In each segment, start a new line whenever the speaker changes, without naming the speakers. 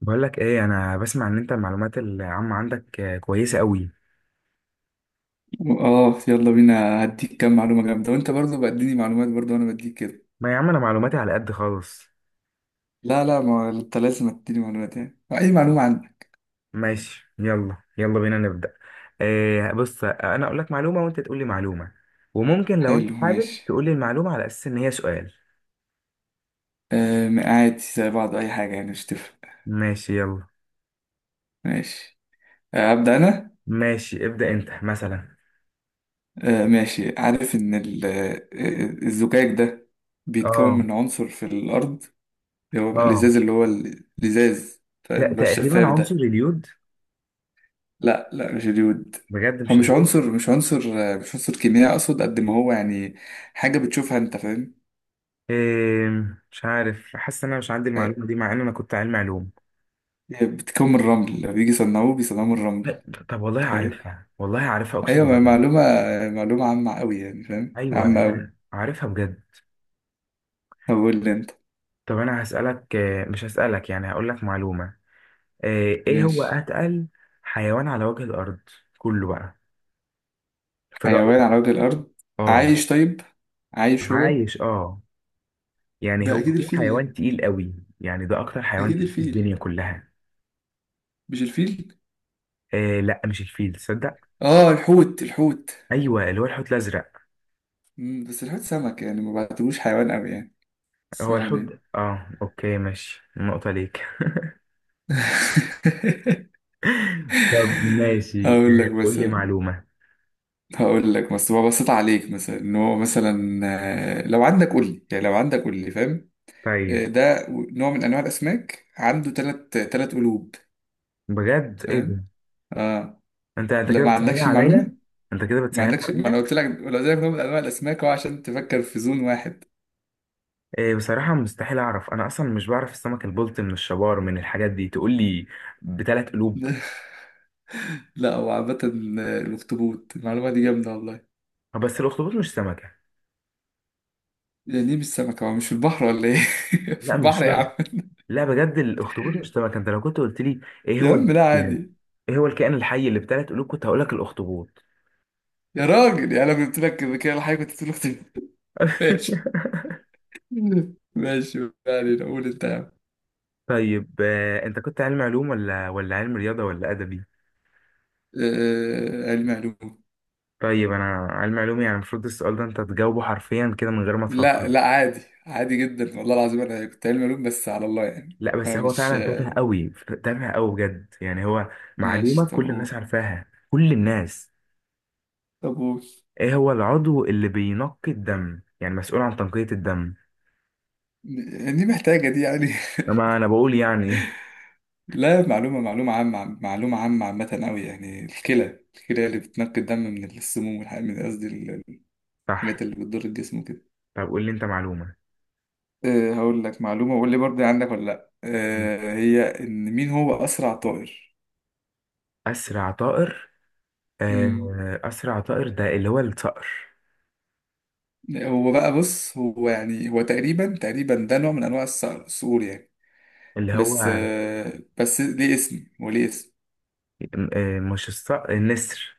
بقول لك ايه؟ انا بسمع ان انت المعلومات العامة عندك كويسة قوي.
اه يلا بينا هديك كام معلومة جامدة، وانت برضو بديني معلومات برضو وانا بديك كده.
ما يا عم انا معلوماتي على قد خالص.
لا، ما انت لازم تديني معلومات، يعني اي معلومة عندك.
ماشي، يلا يلا بينا نبدأ. إيه، بص انا اقول لك معلومة وانت تقول لي معلومة، وممكن لو انت
حلو،
حابب
ماشي.
تقول لي المعلومة على اساس ان هي سؤال.
آه عادي، زي بعض، اي حاجة يعني مش تفرق.
ماشي، يلا.
ماشي. آه ابدأ انا.
ماشي ابدأ انت مثلا.
آه ماشي. عارف ان الزجاج ده بيتكون
اه
من عنصر في الارض، اللي هو بقى
اه،
الازاز، اللي هو الازاز، فاهم؟ اللي هو
تقريبا
الشفاف
عنصر
ده.
اليود.
لا مش اليود.
بجد
هو
مش
مش
اليود؟
عنصر، مش عنصر، مش عنصر كيميائي اقصد قد ما هو يعني حاجه بتشوفها انت، فاهم؟
إيه، مش عارف، حاسس ان انا مش عندي
آه،
المعلومة دي مع ان انا كنت علمي علوم.
هي بتكون من الرمل، لما بيجي يصنعوه بيصنعوه من الرمل.
لا، طب والله
فاهم؟
عارفها، والله عارفها، اقسم
ايوه
بالله.
معلومه، معلومه عامه قوي يعني، فاهم؟
ايوه
عامه قوي.
لا، عارفها بجد.
طب قول لي انت.
طب انا هسألك، مش هسألك يعني، هقول لك معلومة. آه، ايه هو
ماشي.
اتقل حيوان على وجه الارض كله بقى في
حيوان
رأيك؟
على وجه الارض
اه
عايش طيب؟ عايش هو؟
عايش اه. يعني
ده
هو
اكيد
في
الفيل
حيوان
يعني.
تقيل قوي؟ يعني ده اكتر حيوان
اكيد
تقيل في
الفيل.
الدنيا كلها.
مش الفيل؟
آه لا، مش الفيل، تصدق؟
اه الحوت، الحوت.
ايوه، اللي هو الحوت الازرق.
مم، بس الحوت سمك يعني، ما بعتبوش حيوان قوي يعني، بس
هو
يعني.
الحوت اه، اوكي ماشي، نقطة ليك. طب ماشي،
هقول لك
قول لي
مثلا،
معلومة.
هقول لك ببسط عليك مثلا، ان هو مثلا لو عندك قول لي، يعني لو عندك قول لي، فاهم؟
طيب.
ده نوع من انواع الاسماك، عنده ثلاث قلوب.
بجد، ايه
فاهم؟
ده؟
اه.
انت
لا
كده
ما
بتسهل
عندكش
عليا.
المعلومه،
انت كده
ما
بتسهل
عندكش. ما انا
عليا.
قلت لك، لو قلت لك نوع من انواع الاسماك هو عشان تفكر في زون واحد.
إيه بصراحه مستحيل اعرف، انا اصلا مش بعرف السمك البلطي من الشبار من الحاجات دي تقول لي بثلاث قلوب؟
لا هو عامه الاخطبوط، المعلومه دي جامده والله.
بس الاخطبوط مش سمكه.
يعني ليه مش سمكه؟ هو مش في البحر ولا ايه؟ في
لا مش
البحر يا
شرط.
عم.
لا بجد الاخطبوط مش سمكه، انت لو كنت قلت لي: ايه
يا
هو
عم لا
يعني
عادي.
ايه هو الكائن الحي اللي بثلاث قلوب، كنت هقول لك الاخطبوط.
يا راجل يعني، انا قلت لك كده كده الحاجه كنت تقول اختي. ماشي. ماشي، ما علينا، قول انت يا عم.
طيب، انت كنت علم علوم ولا علم رياضه ولا ادبي؟
علم علوم.
طيب انا. علم علوم يعني المفروض السؤال ده انت تجاوبه حرفيا كده من غير ما
لا
تفكر.
لا عادي، عادي جدا والله العظيم، انا كنت علم علوم بس على الله يعني،
لا بس هو
فمش
فعلا تافه قوي، تافه قوي بجد يعني هو. معلومة
ماشي، طب
كل
قول.
الناس عارفاها، كل الناس.
طب قول.
ايه هو العضو اللي بينقي الدم، يعني مسؤول عن تنقية الدم؟
دي محتاجة دي يعني.
طبعا انا بقول يعني إيه؟
لا معلومة، معلومة عامة، معلومة عامة، عامة أوي يعني. الكلى، الكلى اللي بتنقي الدم من السموم والحاجات، من قصدي
صح.
الحاجات اللي بتضر الجسم وكده.
طب قول لي انت معلومة.
أه هقول لك معلومة وقول لي برضه عندك ولا لأ. أه هي، إن مين هو أسرع طائر؟
اسرع طائر.
مم.
اسرع طائر ده اللي هو الصقر.
هو بقى بص، هو يعني هو تقريبا، تقريبا ده نوع من انواع الصقور يعني،
اللي هو
بس بس ليه اسم، وليه اسم.
مش الصقر، النسر؟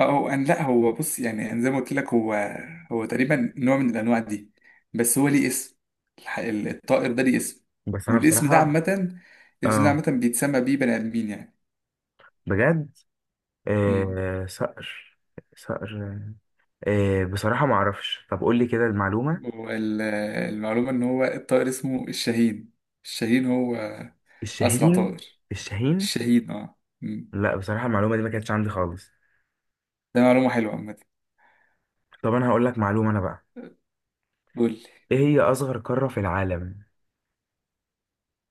اه هو لا هو بص، يعني أنا زي ما قلت لك، هو هو تقريبا نوع من الانواع دي، بس هو ليه اسم. الطائر ده ليه اسم،
بس انا
والاسم ده
بصراحة.
عامة، الاسم ده
اه.
عامة بيتسمى بيه بني ادمين يعني.
بجد.
مم.
صقر. صقر. بصراحة ما اعرفش، طب قول لي كده المعلومة.
والمعلومة ان هو الطائر اسمه الشاهين. الشاهين هو اسرع
الشاهين.
طائر.
الشاهين.
الشاهين اه. مم.
لا بصراحة المعلومة دي ما كانتش عندي خالص.
ده معلومة حلوة عامة.
طب انا هقول لك معلومة انا بقى.
قول.
ايه هي اصغر قارة في العالم؟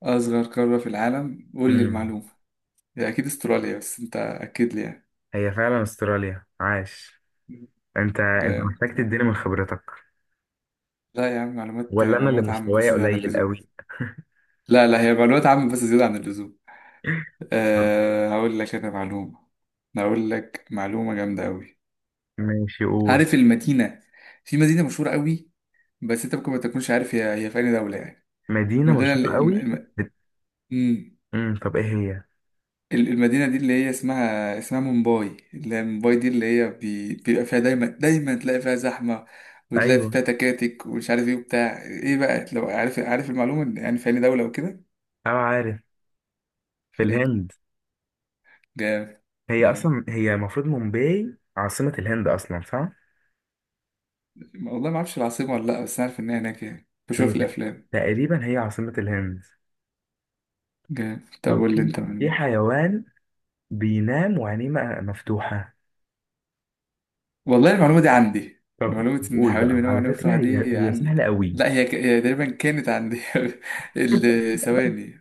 أصغر قارة في العالم؟ قول لي
امم
المعلومة. هي أكيد أستراليا، بس أنت أكد لي يعني.
هي فعلا استراليا، عاش. انت
جامد
محتاج تديني من
أنا.
خبرتك.
لا يا عم، معلومات،
ولا انا اللي
معلومات عامة بس
مستواي
زيادة عن
قليل
اللزوم.
قوي.
لا هي معلومات عامة بس زيادة عن اللزوم.
طب
أه هقول لك أنا معلومة. أنا هقول لك معلومة جامدة أوي.
ماشي، قول.
عارف المدينة؟ في مدينة مشهورة أوي، بس أنت ممكن ما تكونش عارف هي في أي دولة يعني.
مدينة
المدينة
مشهورة
اللي
قوي. بت...
الم...
مم. طب ايه هي؟
المدينة دي، اللي هي اسمها، اسمها مومباي، اللي هي مومباي دي، اللي هي بيبقى فيها دايما، دايما تلاقي فيها زحمة، وتلاقي
ايوه،
فيها تكاتك ومش عارف ايه وبتاع ايه بقى، لو عارف، عارف المعلومة يعني في أي دولة وكده.
اه عارف. في
فين؟
الهند.
جامد.
هي
جامد،
اصلا هي المفروض مومباي عاصمة الهند اصلا، صح؟
والله ما اعرفش العاصمة ولا لا، بس عارف ان هي هناك يعني،
هي
بشوف الافلام.
تقريبا هي عاصمة الهند.
جامد. طب
طب
قول لي
في
انت
في
معلومة.
حيوان بينام وعينيه مفتوحة.
والله المعلومة دي عندي،
طب
معلومة ان
قول
حوالي
بقى،
من
على
وأنا
فكرة
بتوع
هي
دي
هي سهلة
عندي،
قوي.
لا هي هي تقريبا كانت عندي. ثواني.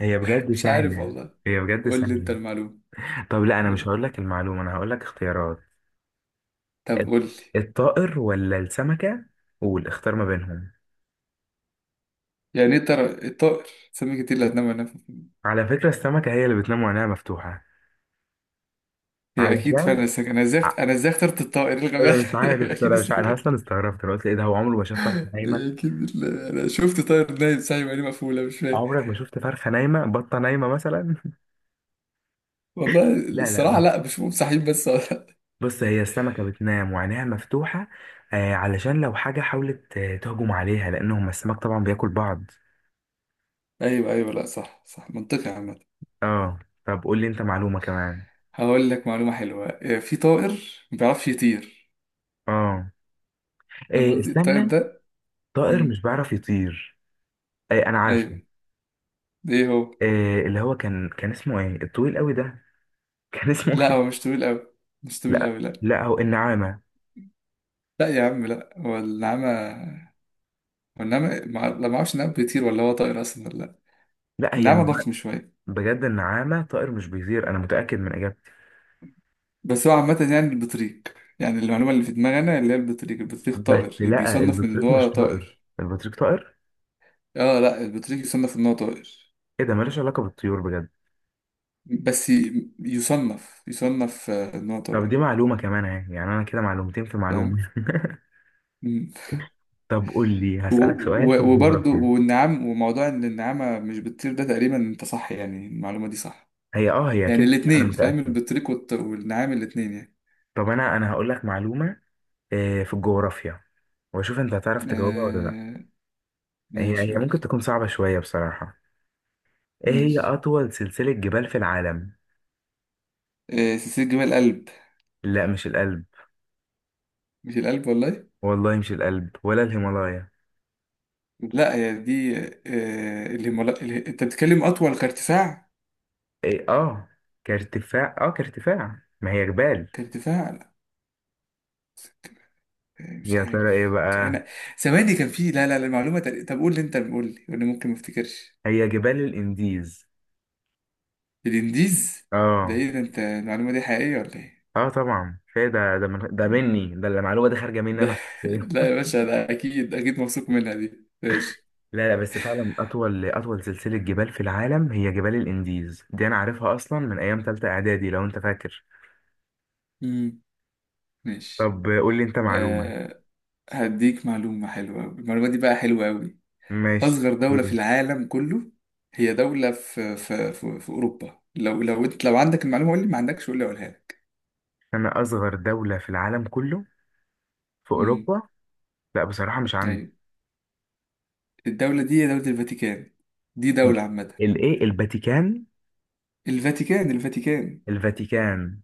هي بجد
مش عارف
سهلة.
والله.
هي بجد
قول لي انت
سهلة.
المعلومة.
طب لا، أنا مش
قول-
هقول لك المعلومة، أنا هقول لك اختيارات.
طب
الط-
قول لي.
الطائر ولا السمكة؟ قول، اختار ما بينهم.
يعني ايه ترى؟ الطائر، سمكة، ايه اللي هتنام وانا
على فكرة السمكة هي اللي بتنام وعينيها مفتوحة.
هي اكيد
علشان
فعلا السمكة، انا ازاي،
ع-
انا ازاي اخترت الطائر؟ إيه الغباء
أنا مش عارف
ده؟ اكيد
أنا مش عارف. أنا
السمكة،
أصلا استغربت، أنا قلت إيه ده، هو عمره ما شاف فرخة نايمة؟
اكيد ال- انا شفت طائر نايم صاحي وعينيه مقفولة، مش فاهم.
عمرك ما شفت فرخة نايمة، بطة نايمة مثلا؟
والله
لا
الصراحة
لا.
لا، بشوفهم صاحيين بس.
بص هي السمكة بتنام وعينيها مفتوحة، علشان لو حاجة حاولت تهجم عليها، لأنهم السمك طبعا بياكل بعض.
ايوه ايوه، لا صح، صح منطقي عامة.
اه. طب قول لي انت معلومة كمان.
هقول لك معلومة حلوة. في طائر ما بيعرفش يطير،
اه.
فاهم
إيه،
قصدي؟ الطائر
استنى.
ده.
طائر مش
مم.
بيعرف يطير؟ إيه انا عارفه.
ايوه، ايه هو؟
إيه اللي هو كان اسمه ايه الطويل قوي ده؟ كان اسمه
لا
ايه؟
هو مش طويل قوي، مش طويل
لا
قوي، لا.
لا، هو النعامة.
لا يا عم، لا هو النعامة. والنعمة لا ما اعرفش النعمة بيطير ولا هو طائر اصلا ولا لا.
لا هي
النعمة
النعامة.
ضخم شوية.
بجد النعامة طائر مش بيطير، انا متأكد من اجابتي.
بس هو عامة يعني البطريق، يعني المعلومة اللي في دماغي انا اللي هي البطريق، البطريق
بس
طائر،
لا،
بيصنف من ان
البطريق
هو
مش طائر،
طائر.
البطريق طائر.
اه لا البطريق يصنف ان هو طائر.
ايه ده، ملوش علاقة بالطيور بجد.
بس يصنف، يصنف ان هو
طب دي
طائر،
معلومة كمان اهي، يعني انا كده معلومتين في
فاهم؟
معلومة.
مم.
طب قول لي،
و...
هسألك سؤال في
وبرضه
الجغرافيا.
والنعام، وموضوع ان النعامة مش بتطير ده تقريبا انت صح، يعني المعلومة دي صح.
هي
يعني
كده. انا
الاتنين، فاهم؟
متأكد.
البطريق والنعام، الاتنين يعني.
طب انا هقول لك معلومة، في الجغرافيا، واشوف انت هتعرف تجاوبها ولا لا.
آه.
هي
ماشي
هي
قول.
ممكن تكون صعبة شوية بصراحة. ايه هي اطول سلسلة جبال في العالم؟
سلسلة جمال القلب.
لا مش الألب.
مش القلب والله.
والله مش الألب ولا الهيمالايا.
لا هي دي الهيمالا انت بتتكلم اطول كارتفاع.
إيه اه، كارتفاع، ما هي جبال.
كارتفاع لا. مش
يا ترى ايه
عارف
بقى؟
انا. ثواني، كان في، لا المعلومة طب قول لي انت، قول لي وانا ممكن ما افتكرش.
هي جبال الانديز.
الانديز؟ ده
اه.
ايه ده، انت المعلومة دي حقيقية ولا ايه
اه طبعا، فايه ده من ده، مني ده، المعلومه دي خارجه مني انا
ده؟
شخصيا.
لا يا باشا، ده اكيد، اكيد مبسوط منها دي، ماشي.
لا لا، بس فعلا اطول سلسله جبال في العالم هي جبال الانديز، دي انا عارفها اصلا من ايام تالتة اعدادي لو انت فاكر.
مم. ماشي.
طب قول لي انت معلومه.
أه هديك معلومة حلوة أوي، المعلومة دي بقى حلوة أوي.
ماشي
أصغر دولة في
قول.
العالم كله. هي دولة في، في أوروبا، لو أنت لو عندك المعلومة قول لي، ما عندكش قول لي أقولها لك.
انا اصغر دوله في العالم كله في
امم.
اوروبا؟ لا بصراحه مش عندي.
أيوة. الدولة دي هي دولة الفاتيكان، دي دولة عامة.
الايه، الفاتيكان؟
الفاتيكان، الفاتيكان.
الفاتيكان.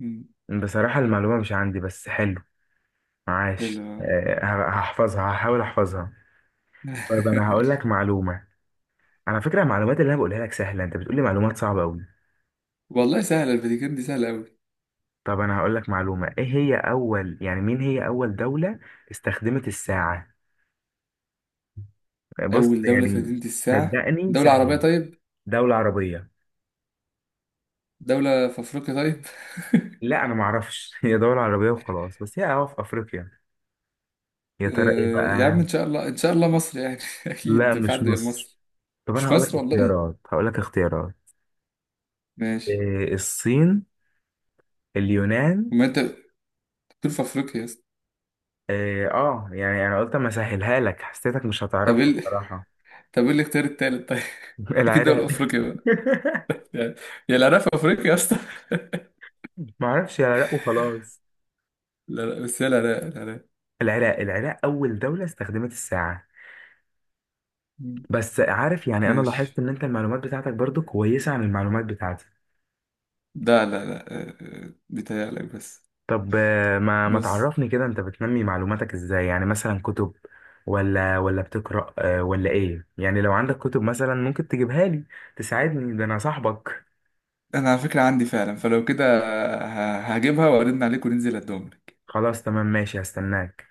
امم.
بصراحه المعلومه مش عندي بس حلو. معاش،
حلو.
هحاول احفظها. طيب انا هقول لك معلومه. على فكرة المعلومات اللي انا بقولها لك سهلة، انت بتقولي معلومات صعبة قوي.
والله سهلة، الفاتيكان دي سهلة أوي.
طب انا هقول لك معلومة. ايه هي اول، يعني مين هي اول دولة استخدمت الساعة؟ بص
أول دولة في
يعني،
مدينة الساعة
صدقني
دولة عربية
سهلة.
طيب.
دولة عربية.
دولة في أفريقيا طيب.
لا انا معرفش. هي دولة عربية وخلاص، بس هي اه في افريقيا. يا ترى ايه
يا
بقى؟
عم إن شاء الله، إن شاء الله مصر يعني،
لا
أكيد في
مش
حد غير
مصر.
مصر.
طب انا
مش
هقول لك
مصر والله.
اختيارات،
ماشي.
إيه الصين، اليونان.
وما أنت، دول في أفريقيا.
إيه اه، يعني انا قلت اما اسهلها لك، حسيتك مش
طب ايه
هتعرفها بصراحة.
طب ايه الاختيار التالت طيب؟ اكيد دول
العراق.
افريقيا بقى، يعني. يا العراق في افريقيا يا اسطى.
ما اعرفش، العراق وخلاص.
لا بس هي العراق، العراق.
العراق، العراق اول دولة استخدمت الساعة.
مم.
بس عارف يعني، انا لاحظت
ماشي.
ان انت المعلومات بتاعتك برضو كويسة عن المعلومات بتاعتي.
لا لا لا آه، آه، بيتهيألك بس.
طب ما
بص،
تعرفني كده انت بتنمي معلوماتك ازاي؟ يعني مثلا كتب، ولا بتقرأ، ولا ايه يعني، لو عندك كتب مثلا ممكن تجيبها لي تساعدني، ده انا صاحبك.
انا على فكرة عندي فعلا، فلو كده هجيبها وارن عليك وننزل الدوم.
خلاص تمام، ماشي هستناك.